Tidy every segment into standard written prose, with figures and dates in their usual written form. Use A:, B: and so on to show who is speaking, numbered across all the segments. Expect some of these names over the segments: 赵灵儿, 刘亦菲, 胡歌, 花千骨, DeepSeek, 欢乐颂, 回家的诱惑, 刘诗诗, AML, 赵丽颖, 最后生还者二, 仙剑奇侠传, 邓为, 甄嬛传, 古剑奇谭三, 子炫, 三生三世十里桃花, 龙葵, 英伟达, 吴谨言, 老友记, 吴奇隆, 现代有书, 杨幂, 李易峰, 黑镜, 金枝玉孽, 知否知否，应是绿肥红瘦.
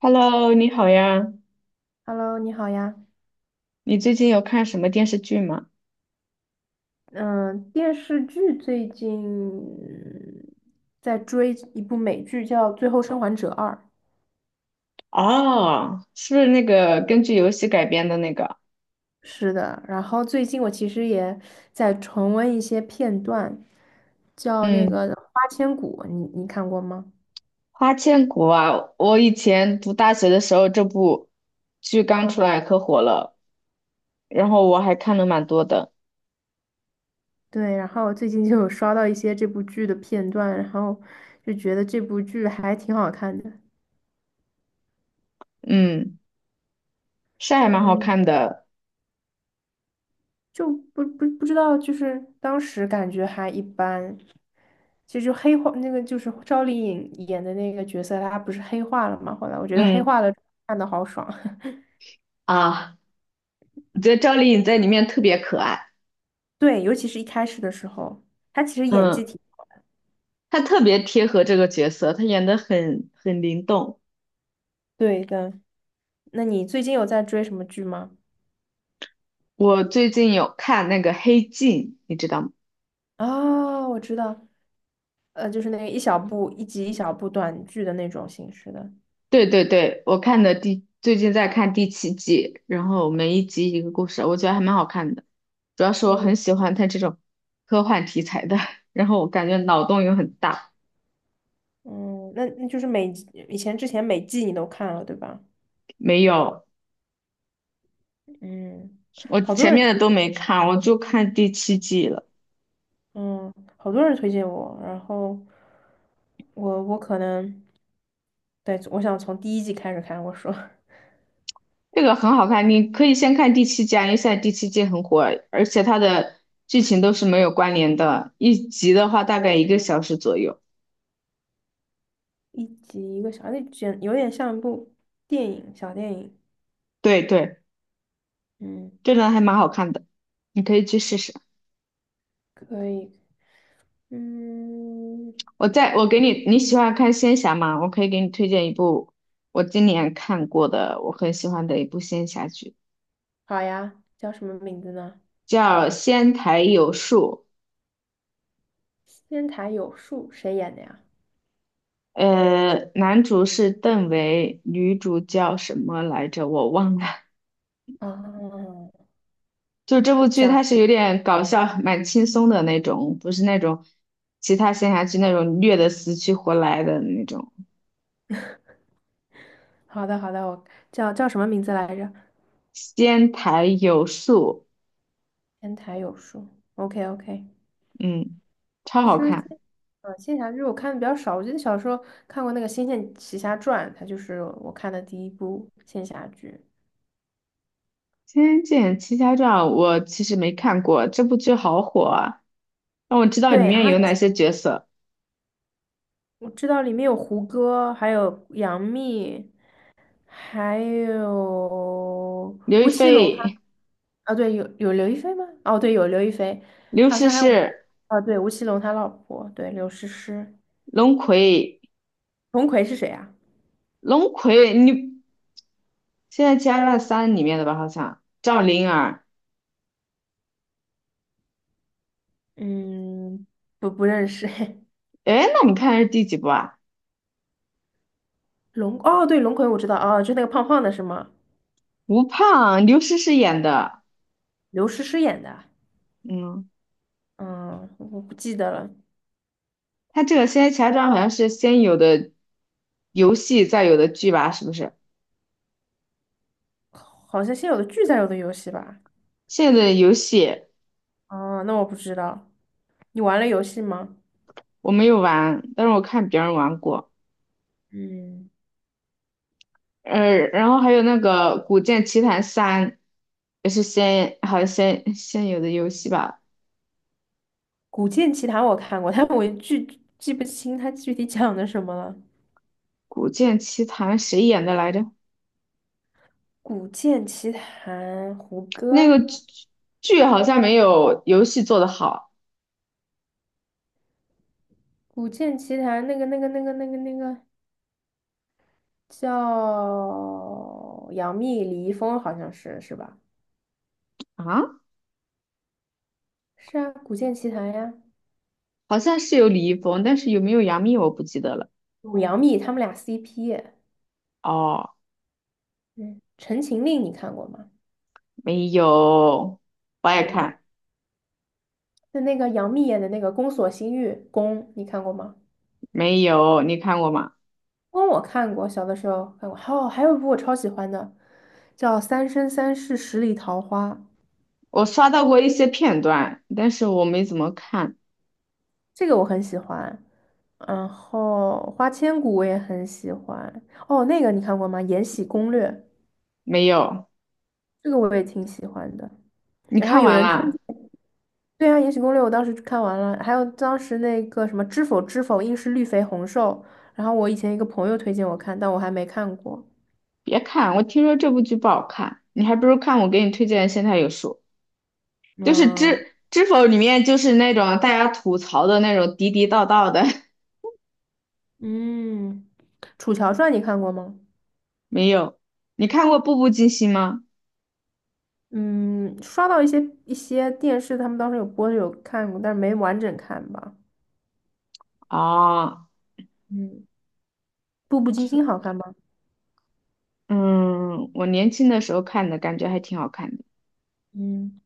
A: Hello，你好呀，
B: Hello，你好呀。
A: 你最近有看什么电视剧吗？
B: 嗯，电视剧最近在追一部美剧，叫《最后生还者二》。
A: 哦，是不是那个根据游戏改编的那个？
B: 是的，然后最近我其实也在重温一些片段，叫那
A: 嗯，
B: 个《花千骨》，你看过吗？
A: 《花千骨》啊，我以前读大学的时候，这部剧刚出来可火了，然后我还看了蛮多的，
B: 对，然后最近就有刷到一些这部剧的片段，然后就觉得这部剧还挺好看的。
A: 嗯，是还蛮好
B: 嗯。
A: 看的，
B: 就不知道，就是当时感觉还一般。其实就黑化那个就是赵丽颖演的那个角色，她不是黑化了吗？后来我觉得黑
A: 嗯，
B: 化了看的好爽，
A: 啊，我觉得赵丽颖在里面特别可爱，
B: 对，尤其是一开始的时候，她其实演
A: 嗯，
B: 技挺
A: 她特别贴合这个角色，她演的很灵动。
B: 对的。那你最近有在追什么剧吗？
A: 我最近有看那个《黑镜》，你知道吗？
B: 哦，我知道，就是那个一小部一集一小部短剧的那种形式的。
A: 对对对，我看的第最近在看第七季，然后每一集一个故事，我觉得还蛮好看的。主要是我
B: 嗯
A: 很喜欢它这种科幻题材的，然后我感觉脑洞又很大。
B: 嗯，那就是每集以前之前每季你都看了对吧？
A: 没有，
B: 嗯，
A: 我
B: 好多
A: 前
B: 人。
A: 面的都没看，我就看第七季了。
B: 嗯，好多人推荐我，然后我可能，对，我想从第一季开始看。我说
A: 这个很好看，你可以先看第七季啊，因为现在第七季很火，而且它的剧情都是没有关联的，一集的话大概一个小时左右。
B: 一集一个小，那简有点像一部电影，小电影。
A: 对对，
B: 嗯，
A: 这个还蛮好看的，你可以去试试。
B: 可以，嗯，
A: 我在我
B: 嘿
A: 给你，你喜欢看仙侠吗？我可以给你推荐一部我今年看过的，我很喜欢的一部仙侠剧，
B: 好呀，叫什么名字呢？
A: 叫《仙台有树》。
B: 仙台有树，谁演的呀？
A: 男主是邓为，女主叫什么来着？我忘了。
B: 哦，
A: 就这部剧，
B: 讲，
A: 它是有点搞笑，蛮轻松的那种，不是那种其他仙侠剧那种虐的死去活来的那种。
B: 好的好的，我叫什么名字来着？
A: 仙台有树，
B: 仙台有树，OK OK。
A: 嗯，超
B: 其
A: 好
B: 实仙，
A: 看。
B: 仙侠剧我看的比较少。我记得小时候看过那个《仙剑奇侠传》，它就是我看的第一部仙侠剧。
A: 《仙剑奇侠传》我其实没看过，这部剧好火啊！让我知道里
B: 对
A: 面
B: 啊，
A: 有哪些角色：
B: 我知道里面有胡歌，还有杨幂，还有
A: 刘亦
B: 吴奇隆他
A: 菲、
B: 啊，对，有刘亦菲吗？哦，对，有刘亦菲，
A: 刘
B: 好
A: 诗
B: 像还有，
A: 诗、
B: 啊，对，吴奇隆他老婆，对，刘诗诗。
A: 龙葵、
B: 龙葵是谁啊？
A: 龙葵，你现在《仙剑奇侠传三》里面的吧？好像赵灵儿。
B: 嗯，不认识。
A: 哎，那我们看的是第几部啊？
B: 龙，哦，对，龙葵我知道，哦，就那个胖胖的是吗？
A: 吴胖，刘诗诗演的。
B: 刘诗诗演的，
A: 嗯，
B: 嗯，我不记得了，
A: 他这个《仙剑奇侠传》好像是先有的游戏，再有的剧吧？是不是？
B: 好像先有的剧才有的游戏吧？
A: 现在的游戏
B: 啊，那我不知道，你玩了游戏吗？
A: 我没有玩，但是我看别人玩过。
B: 嗯，
A: 然后还有那个《古剑奇谭三》，也是先好像先有的游戏吧，
B: 《古剑奇谭》我看过，但我具记不清它具体讲的什么了。
A: 《古剑奇谭》谁演的来着？
B: 《古剑奇谭》胡
A: 那个
B: 歌，
A: 剧好像没有游戏做的好
B: 《古剑奇谭》那个叫杨幂、李易峰，好像是吧？
A: 啊，
B: 是啊，《古剑奇谭》呀，
A: 好像是有李易峰，但是有没有杨幂我不记得了。
B: 有杨幂他们俩 CP。
A: 哦，
B: 嗯，《陈情令》你看过吗？
A: 没有，我爱
B: 也没。
A: 看，
B: 就那个杨幂演的那个《宫锁心玉》，宫你看过吗？
A: 没有，你看过吗？
B: 宫我看过，小的时候看过。还有一部我超喜欢的，叫《三生三世十里桃花》，
A: 我刷到过一些片段，但是我没怎么看，
B: 这个我很喜欢。然后《花千骨》我也很喜欢。哦，那个你看过吗？《延禧攻略》
A: 没有，
B: 这个我也挺喜欢的。
A: 你
B: 然后
A: 看
B: 有
A: 完
B: 人推，
A: 啦？
B: 对啊，《延禧攻略》我当时看完了，还有当时那个什么《知否知否，应是绿肥红瘦》，然后我以前一个朋友推荐我看，但我还没看过。
A: 别看，我听说这部剧不好看，你还不如看我给你推荐的《现代有书》，就是
B: 嗯。
A: 知否里面就是那种大家吐槽的那种地地道道的，
B: 嗯，《楚乔传》你看过吗？
A: 没有。你看过《步步惊心》吗？
B: 嗯，刷到一些电视，他们当时有播的有看过，但是没完整看吧。
A: 哦，
B: 嗯，《步步惊心》好看吗？
A: 嗯，我年轻的时候看的，感觉还挺好看的
B: 嗯，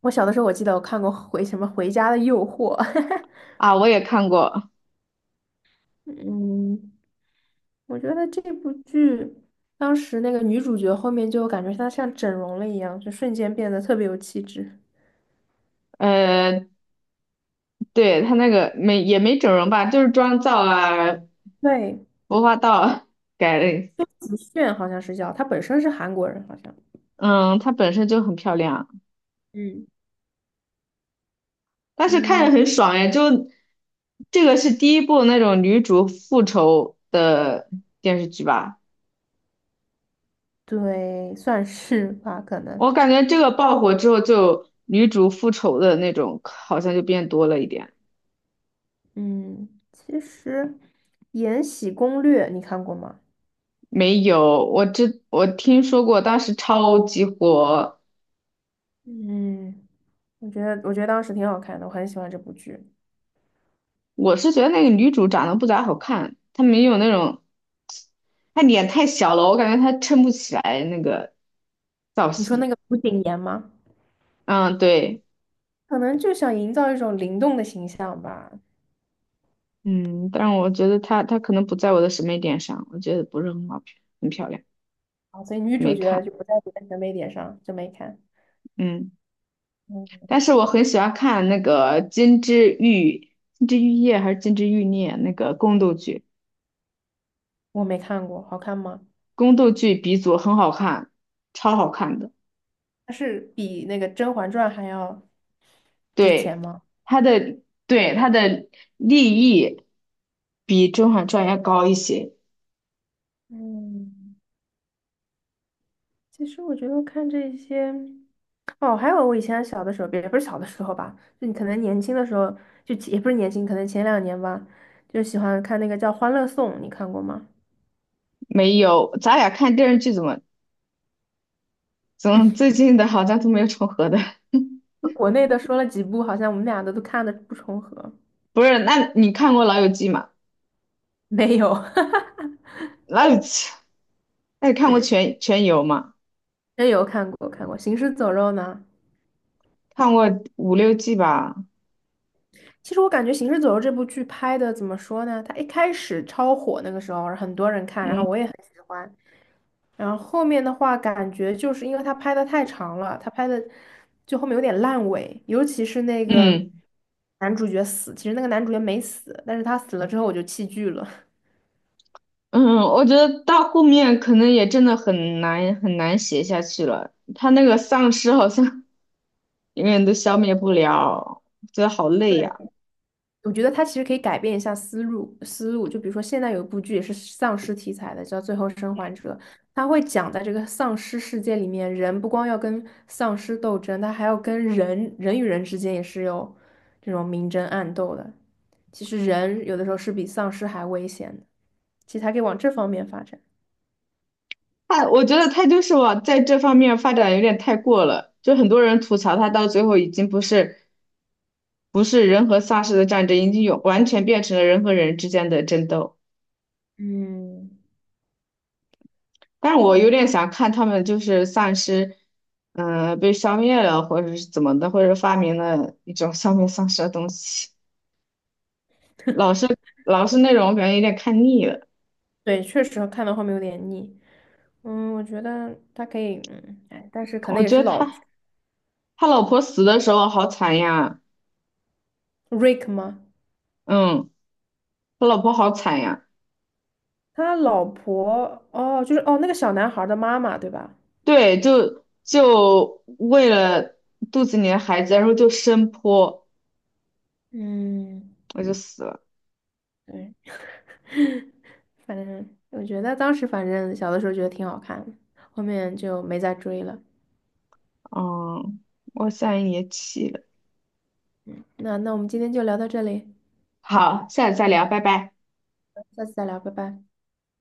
B: 我小的时候我记得我看过回什么《回家的诱惑》
A: 啊，我也看过。
B: 嗯，我觉得这部剧当时那个女主角后面就感觉她像整容了一样，就瞬间变得特别有气质。
A: 呃，对，他那个没也没整容吧，就是妆造啊、
B: 对，
A: 服化道啊改了。
B: 子炫好像是叫，她本身是韩国人，好像。
A: 嗯，她本身就很漂亮啊。
B: 嗯。
A: 但是看着
B: 嗯，
A: 很爽哎，就这个是第一部那种女主复仇的电视剧吧？
B: 对，算是吧，可能。
A: 我感觉这个爆火之后，就女主复仇的那种好像就变多了一点。
B: 嗯，其实《延禧攻略》你看过吗？
A: 没有，我知我听说过，当时超级火。
B: 嗯，我觉得当时挺好看的，我很喜欢这部剧。
A: 我是觉得那个女主长得不咋好看，她没有那种，她脸太小了，我感觉她撑不起来那个造
B: 你说那
A: 型。
B: 个吴谨言吗？
A: 嗯，对。
B: 可能就想营造一种灵动的形象吧。
A: 嗯，但我觉得它可能不在我的审美点上，我觉得不是很好，很漂亮，
B: 啊，所以女
A: 没
B: 主角
A: 看。
B: 就不在别的审美点上，就没看。
A: 嗯，但
B: 嗯，
A: 是我很喜欢看那个《金枝玉金枝玉叶》还是《金枝玉孽》那个宫斗剧，
B: 我没看过，好看吗？
A: 宫斗剧鼻祖，很好看，超好看的。
B: 它是比那个《甄嬛传》还要值钱
A: 对，
B: 吗？
A: 它的对它的立意比《甄嬛传》要高一些。
B: 嗯其实我觉得看这些，哦，还有我以前小的时候，也不是小的时候吧，就你可能年轻的时候，就也不是年轻，可能前两年吧，就喜欢看那个叫《欢乐颂》，你看过吗？
A: 没有，咱俩看电视剧怎么怎么 最近的好像都没有重合的。
B: 国内的说了几部，好像我们俩的都看的不重合。
A: 不是，那你看过《老友记》吗？
B: 没有，
A: 那那你看过全游吗？
B: 真有看过看过《行尸走肉》呢。
A: 看过五六季吧。
B: 其实我感觉《行尸走肉》这部剧拍的怎么说呢？它一开始超火那个时候，很多人看，然后
A: 嗯
B: 我也很喜欢。然后后面的话，感觉就是因为他拍的太长了，他拍的就后面有点烂尾，尤其是那个
A: 嗯
B: 男主角死，其实那个男主角没死，但是他死了之后我就弃剧了。
A: 嗯，我觉得到后面可能也真的很难很难写下去了。他那个丧尸好像 永远都消灭不了，觉得好累呀、
B: 对。我觉得它其实可以改变一下思路，就比如说现在有一部剧也是丧尸题材的，叫《最后生还者》，它会讲在这个丧尸世界里面，人不光要跟丧尸斗争，他还要跟人人与人之间也是有这种明争暗斗的。其实人有的时候是比丧尸还危险的，其实还可以往这方面发展。
A: 他我觉得他就是往在这方面发展有点太过了，就很多人吐槽他到最后已经不是不是人和丧尸的战争，已经有完全变成了人和人之间的争斗。
B: 嗯，
A: 但是我有
B: 对
A: 点想看他们就是丧尸，嗯、被消灭了，或者是怎么的，或者发明了一种消灭丧尸的东西。老是老是那种，我感觉有点看腻了。
B: 对，确实看到后面有点腻。嗯，我觉得它可以，嗯，哎，但是可
A: 我
B: 能也
A: 觉
B: 是
A: 得
B: 老
A: 他老婆死的时候好惨呀，
B: Rick 吗？
A: 嗯，他老婆好惨呀，
B: 他老婆哦，就是哦那个小男孩儿的妈妈对吧？
A: 对，就为了肚子里的孩子，然后就生泼，
B: 嗯，
A: 我就死了。
B: 对，反正我觉得当时反正小的时候觉得挺好看的后面就没再追了。
A: 嗯，我现在也气了。
B: 那我们今天就聊到这里，
A: 好，下次再聊，拜拜。
B: 下次再聊，拜拜。